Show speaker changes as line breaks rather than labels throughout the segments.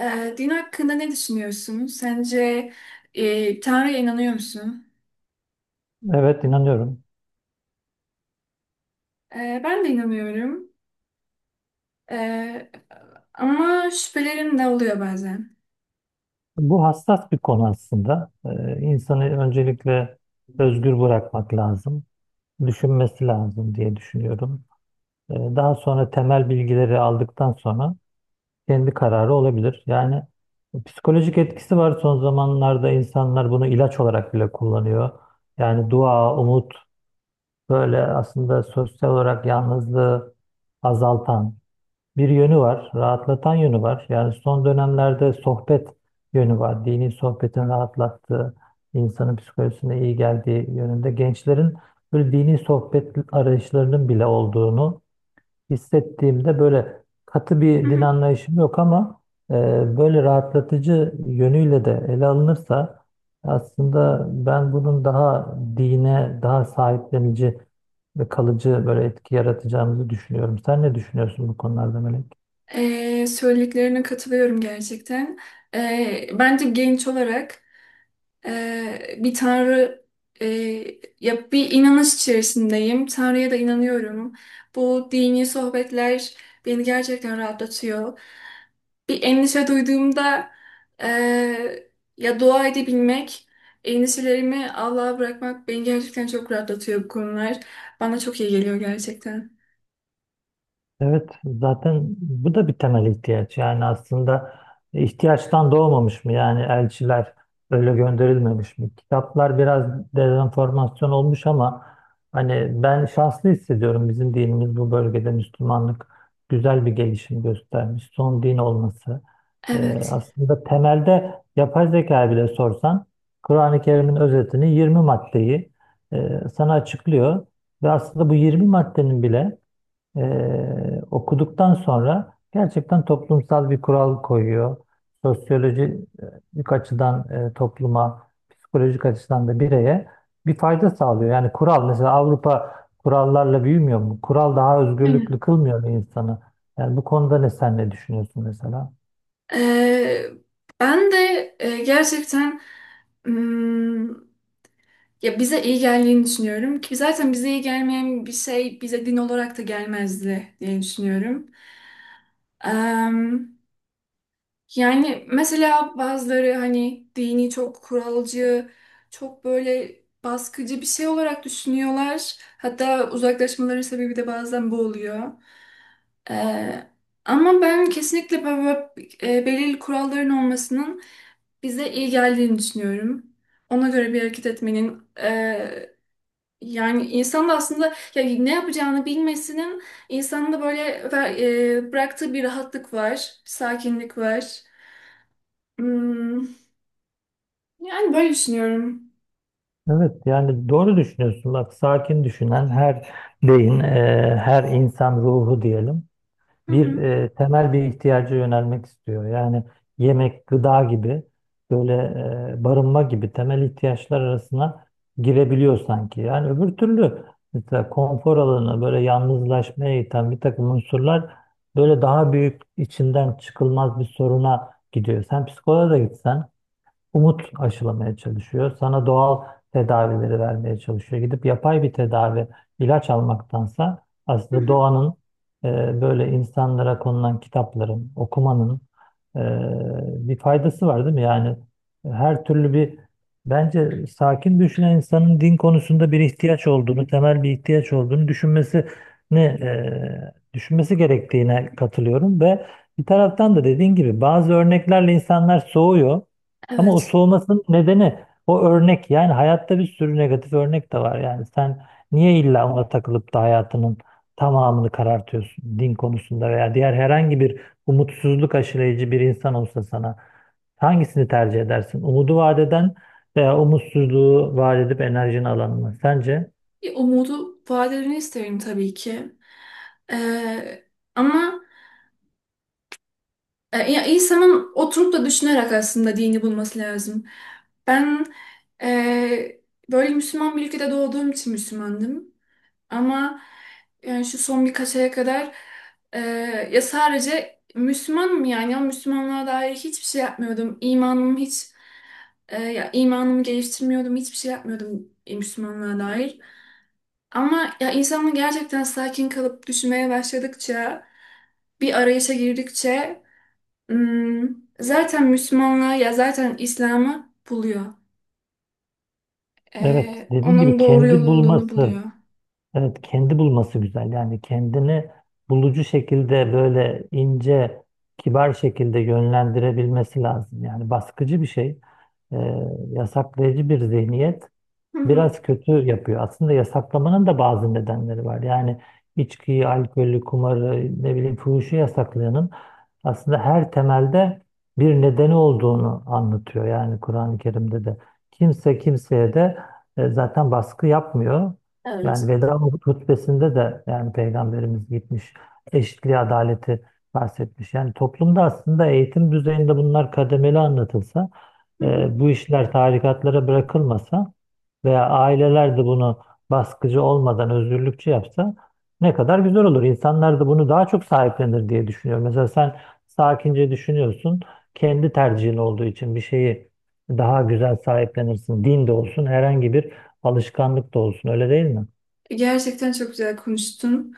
Din hakkında ne düşünüyorsun? Sence Tanrı'ya inanıyor musun?
Evet inanıyorum.
Ben de inanıyorum. Ee, Ama şüphelerim de oluyor bazen.
Bu hassas bir konu aslında. İnsanı öncelikle özgür bırakmak lazım. Düşünmesi lazım diye düşünüyorum. Daha sonra temel bilgileri aldıktan sonra kendi kararı olabilir. Yani psikolojik etkisi var, son zamanlarda insanlar bunu ilaç olarak bile kullanıyor. Yani dua, umut böyle aslında sosyal olarak yalnızlığı azaltan bir yönü var, rahatlatan yönü var. Yani son dönemlerde sohbet yönü var. Dini sohbetin rahatlattığı, insanın psikolojisine iyi geldiği yönünde. Gençlerin böyle dini sohbet arayışlarının bile olduğunu hissettiğimde, böyle katı
Hı
bir din
hı.
anlayışım yok, ama e, böyle rahatlatıcı yönüyle de ele alınırsa aslında ben bunun daha dine, daha sahiplenici ve kalıcı böyle etki yaratacağımızı düşünüyorum. Sen ne düşünüyorsun bu konularda, Melek?
Söylediklerine katılıyorum gerçekten. Bence genç olarak bir Tanrı e, ya bir inanış içerisindeyim. Tanrı'ya da inanıyorum. Bu dini sohbetler beni gerçekten rahatlatıyor. Bir endişe duyduğumda eee, ya dua edebilmek, endişelerimi Allah'a bırakmak beni gerçekten çok rahatlatıyor bu konular. Bana çok iyi geliyor gerçekten.
Evet, zaten bu da bir temel ihtiyaç. Yani aslında ihtiyaçtan doğmamış mı? Yani elçiler öyle gönderilmemiş mi? Kitaplar biraz dezenformasyon olmuş, ama hani ben şanslı hissediyorum. Bizim dinimiz bu bölgede, Müslümanlık güzel bir gelişim göstermiş. Son din olması.
Evet.
Aslında temelde yapay zeka bile sorsan Kur'an-ı Kerim'in özetini, 20 maddeyi, sana açıklıyor. Ve aslında bu 20 maddenin bile, okuduktan sonra, gerçekten toplumsal bir kural koyuyor. Sosyolojik açıdan topluma, psikolojik açıdan da bireye bir fayda sağlıyor. Yani kural, mesela Avrupa kurallarla büyümüyor mu? Kural daha özgürlüklü
Aynen.
kılmıyor mu insanı? Yani bu konuda ne sen ne düşünüyorsun mesela?
Eee, Ben de gerçekten ya bize iyi geldiğini düşünüyorum ki zaten bize iyi gelmeyen bir şey bize din olarak da gelmezdi diye düşünüyorum. Em, Yani mesela bazıları hani dini çok kuralcı, çok böyle baskıcı bir şey olarak düşünüyorlar. Hatta uzaklaşmaların sebebi de bazen bu oluyor. E, Ama ben kesinlikle böyle, belirli kuralların olmasının bize iyi geldiğini düşünüyorum. Ona göre bir hareket etmenin, yani insan da aslında ya ne yapacağını bilmesinin, insanın da böyle bıraktığı bir rahatlık var, sakinlik var. Hmm, yani böyle düşünüyorum.
Evet yani doğru düşünüyorsun. Bak, sakin düşünen her beyin, her insan ruhu diyelim,
Hı
bir
hı,
temel bir ihtiyaca yönelmek istiyor. Yani yemek, gıda gibi, böyle barınma gibi temel ihtiyaçlar arasına girebiliyor sanki. Yani öbür türlü mesela konfor alanı, böyle yalnızlaşmaya iten bir takım unsurlar, böyle daha büyük içinden çıkılmaz bir soruna gidiyor. Sen psikoloğa da gitsen umut aşılamaya çalışıyor. Sana doğal tedavileri vermeye çalışıyor. Gidip yapay bir tedavi, ilaç almaktansa
hı
aslında
hı.
doğanın, böyle insanlara konulan kitapların, okumanın e, bir faydası var değil mi? Yani her türlü, bir bence sakin düşünen insanın din konusunda bir ihtiyaç olduğunu, temel bir ihtiyaç olduğunu düşünmesini, düşünmesi gerektiğine katılıyorum ve bir taraftan da dediğin gibi bazı örneklerle insanlar soğuyor. Ama o
Evet.
soğumasının nedeni o örnek. Yani hayatta bir sürü negatif örnek de var. Yani sen niye illa ona takılıp da hayatının tamamını karartıyorsun din konusunda veya diğer herhangi bir, umutsuzluk aşılayıcı bir insan olsa sana, hangisini tercih edersin? Umudu vaat eden veya umutsuzluğu vaat edip enerjini alan mı? Sence?
Bir umudu vadelerini isterim tabii ki. Ee, Ama ya insanın oturup da düşünerek aslında dini bulması lazım. Ben e, böyle Müslüman bir ülkede doğduğum için Müslümandım. Ama yani şu son birkaç aya kadar e, ya sadece Müslümanım yani ama Müslümanlığa dair hiçbir şey yapmıyordum. İmanım hiç ya imanımı geliştirmiyordum. Hiçbir şey yapmıyordum Müslümanlığa dair. Ama ya insanın gerçekten sakin kalıp düşünmeye başladıkça bir arayışa girdikçe hmm, zaten Müslümanlığı ya zaten İslam'ı buluyor.
Evet, dediğin
Onun
gibi
doğru yol
kendi
olduğunu buluyor.
bulması. Evet kendi bulması güzel. Yani kendini bulucu şekilde, böyle ince, kibar şekilde yönlendirebilmesi lazım. Yani baskıcı bir şey, e, yasaklayıcı bir zihniyet
Hı hı,
biraz kötü yapıyor. Aslında yasaklamanın da bazı nedenleri var. Yani içkiyi, alkolü, kumarı, ne bileyim fuhuşu yasaklayanın aslında her temelde bir nedeni olduğunu anlatıyor. Yani Kur'an-ı Kerim'de de kimse kimseye de zaten baskı yapmıyor. Yani veda hutbesinde de, yani Peygamberimiz gitmiş eşitliği, adaleti bahsetmiş. Yani toplumda aslında eğitim düzeyinde bunlar kademeli anlatılsa,
hı hı.
bu işler tarikatlara bırakılmasa, veya aileler de bunu baskıcı olmadan özgürlükçü yapsa, ne kadar güzel olur. İnsanlar da bunu daha çok sahiplenir diye düşünüyorum. Mesela sen sakince düşünüyorsun, kendi tercihin olduğu için bir şeyi daha güzel sahiplenirsin. Din de olsun, herhangi bir alışkanlık da olsun. Öyle değil mi?
Gerçekten çok güzel konuştun.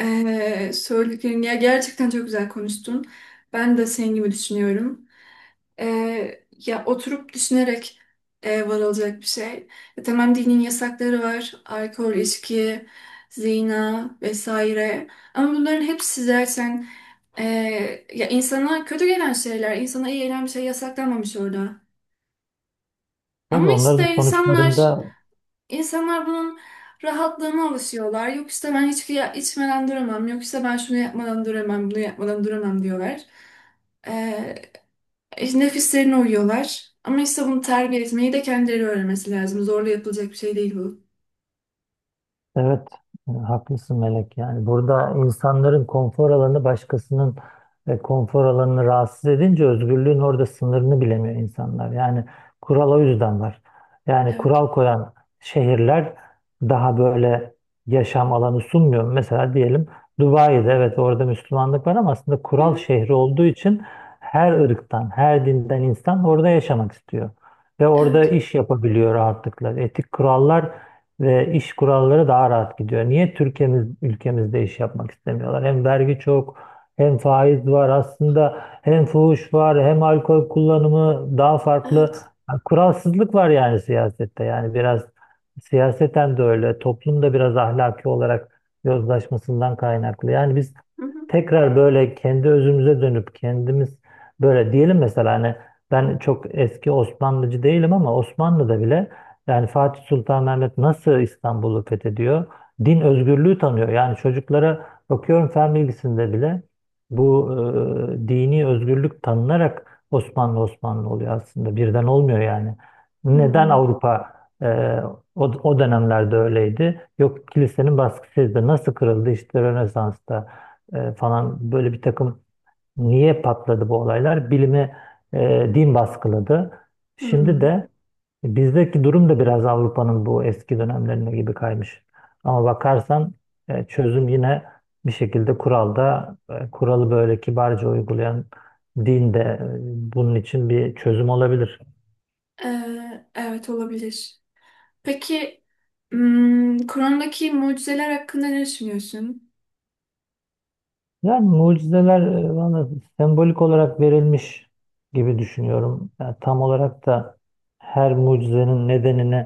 Söylediklerin ya gerçekten çok güzel konuştun. Ben de senin gibi düşünüyorum. Ya oturup düşünerek varılacak bir şey. Tamam dinin yasakları var. Alkol, içki, zina vesaire. Ama bunların hepsi zaten e, ya insana kötü gelen şeyler, insana iyi gelen bir şey yasaklanmamış orada.
Tabii
Ama
onların
işte insanlar
sonuçlarında.
bunun rahatlığına alışıyorlar. Yok işte ben içmeden duramam. Yok işte ben şunu yapmadan duramam, bunu yapmadan duramam diyorlar. Nefislerine uyuyorlar. Ama işte bunu terbiye etmeyi de kendileri öğrenmesi lazım. Zorla yapılacak bir şey değil bu.
Evet, haklısın Melek. Yani burada insanların konfor alanı, başkasının konfor alanını rahatsız edince, özgürlüğün orada sınırını bilemiyor insanlar. Yani kural o yüzden var. Yani
Evet.
kural koyan şehirler daha böyle yaşam alanı sunmuyor. Mesela diyelim, Dubai'de evet orada Müslümanlık var, ama aslında
Hı
kural
hı.
şehri olduğu için her ırktan, her dinden insan orada yaşamak istiyor. Ve
Evet.
orada iş yapabiliyor rahatlıkla. Etik kurallar ve iş kuralları daha rahat gidiyor. Niye Türkiye'miz, ülkemizde iş yapmak istemiyorlar? Hem vergi çok, hem faiz var aslında, hem fuhuş var, hem alkol kullanımı daha farklı.
Evet.
Yani kuralsızlık var, yani siyasette. Yani biraz siyaseten de öyle, toplum da biraz ahlaki olarak yozlaşmasından kaynaklı. Yani biz
Hı hı.
tekrar böyle kendi özümüze dönüp, kendimiz böyle diyelim, mesela hani ben çok eski Osmanlıcı değilim, ama Osmanlı'da bile, yani Fatih Sultan Mehmet nasıl İstanbul'u fethediyor? Din özgürlüğü tanıyor. Yani çocuklara bakıyorum, fen bilgisinde bile bu dini özgürlük tanınarak Osmanlı oluyor aslında. Birden olmuyor yani. Neden
Hmm.
Avrupa, e, o dönemlerde öyleydi? Yok, kilisenin baskısıydı. Nasıl kırıldı? İşte Rönesans'ta falan, böyle bir takım. Niye patladı bu olaylar? Bilimi din baskıladı. Şimdi
Hmm.
de bizdeki durum da biraz Avrupa'nın bu eski dönemlerine gibi kaymış. Ama bakarsan çözüm yine bir şekilde kuralda, kuralı böyle kibarca uygulayan din de bunun için bir çözüm olabilir.
Evet olabilir. Peki hmm, Kur'an'daki mucizeler hakkında ne düşünüyorsun?
Yani mucizeler bana sembolik olarak verilmiş gibi düşünüyorum. Yani tam olarak da her mucizenin nedenini,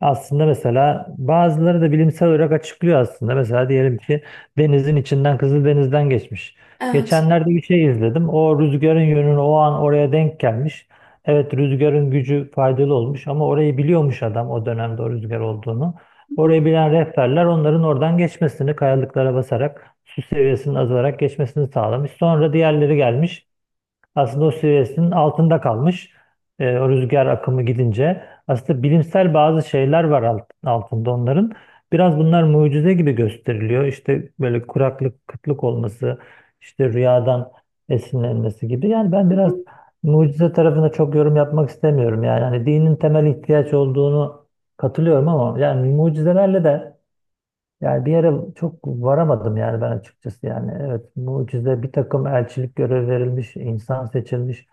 aslında mesela bazıları da bilimsel olarak açıklıyor aslında. Mesela diyelim ki, denizin içinden, Kızıldeniz'den geçmiş.
Evet.
Geçenlerde bir şey izledim. O rüzgarın yönünü o an oraya denk gelmiş. Evet, rüzgarın gücü faydalı olmuş, ama orayı biliyormuş adam, o dönemde o rüzgar olduğunu.
Hı hı.
Orayı bilen rehberler, onların oradan geçmesini kayalıklara basarak, su seviyesinin azalarak geçmesini sağlamış. Sonra diğerleri gelmiş. Aslında o seviyesinin altında kalmış. O rüzgar akımı gidince. Aslında bilimsel bazı şeyler var alt, altında onların. Biraz bunlar mucize gibi gösteriliyor. İşte böyle kuraklık, kıtlık olması, işte rüyadan esinlenmesi gibi. Yani ben
Hı
biraz
hı.
mucize tarafına çok yorum yapmak istemiyorum. Yani hani dinin temel ihtiyaç olduğunu katılıyorum, ama yani mucizelerle de, yani bir yere çok varamadım yani ben, açıkçası. Yani evet, mucize, bir takım elçilik görev verilmiş, insan seçilmiş,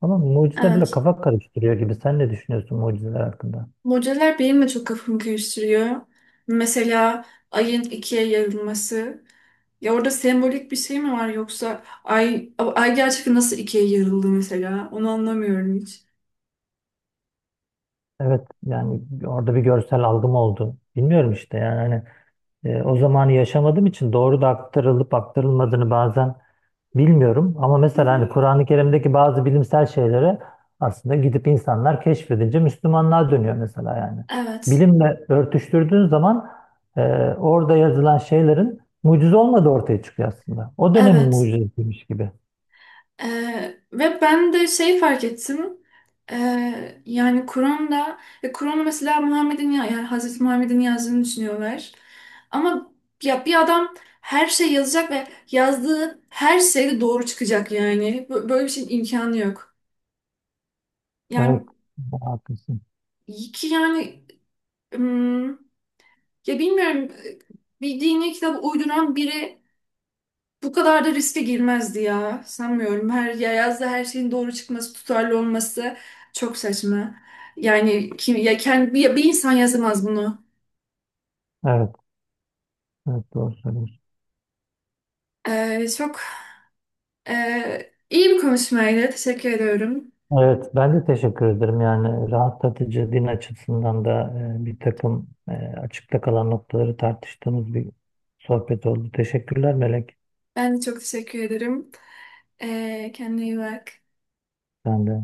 ama mucize bile
Evet.
kafa karıştırıyor gibi. Sen ne düşünüyorsun mucizeler hakkında?
Mucizeler benim de çok kafamı karıştırıyor. Mesela ayın ikiye yarılması. Ya orada sembolik bir şey mi var yoksa ay gerçekten nasıl ikiye yarıldı mesela? Onu anlamıyorum hiç.
Evet yani orada bir görsel algım oldu, bilmiyorum işte, yani hani o zamanı yaşamadığım için doğru da aktarılıp aktarılmadığını bazen bilmiyorum. Ama
Hı
mesela
hı.
hani Kur'an-ı Kerim'deki bazı bilimsel şeylere aslında gidip insanlar keşfedince Müslümanlığa dönüyor mesela yani.
Evet.
Bilimle örtüştürdüğün zaman e, orada yazılan şeylerin mucize olmadığı ortaya çıkıyor aslında. O dönemin
Evet.
mucizesiymiş gibi.
Ve ben de şey fark ettim. Yani Kur'an'ı mesela yani Hazreti Muhammed'in yazdığını düşünüyorlar. Ama ya bir adam her şey yazacak ve yazdığı her şey de doğru çıkacak yani. Böyle bir şeyin imkanı yok.
Evet,
Yani
haklısın.
iki yani ya bilmiyorum, bir dini kitap uyduran biri bu kadar da riske girmezdi ya. Sanmıyorum. Her ya yazda her şeyin doğru çıkması, tutarlı olması çok saçma. Yani kim ya kendi bir insan yazamaz bunu.
Evet, evet doğru söylüyorsun.
Çok iyi bir konuşmaydı. Teşekkür ediyorum.
Evet, ben de teşekkür ederim. Yani rahatlatıcı din açısından da bir takım açıkta kalan noktaları tartıştığımız bir sohbet oldu. Teşekkürler Melek.
Ben de çok teşekkür ederim. Kendine iyi bak.
Ben de.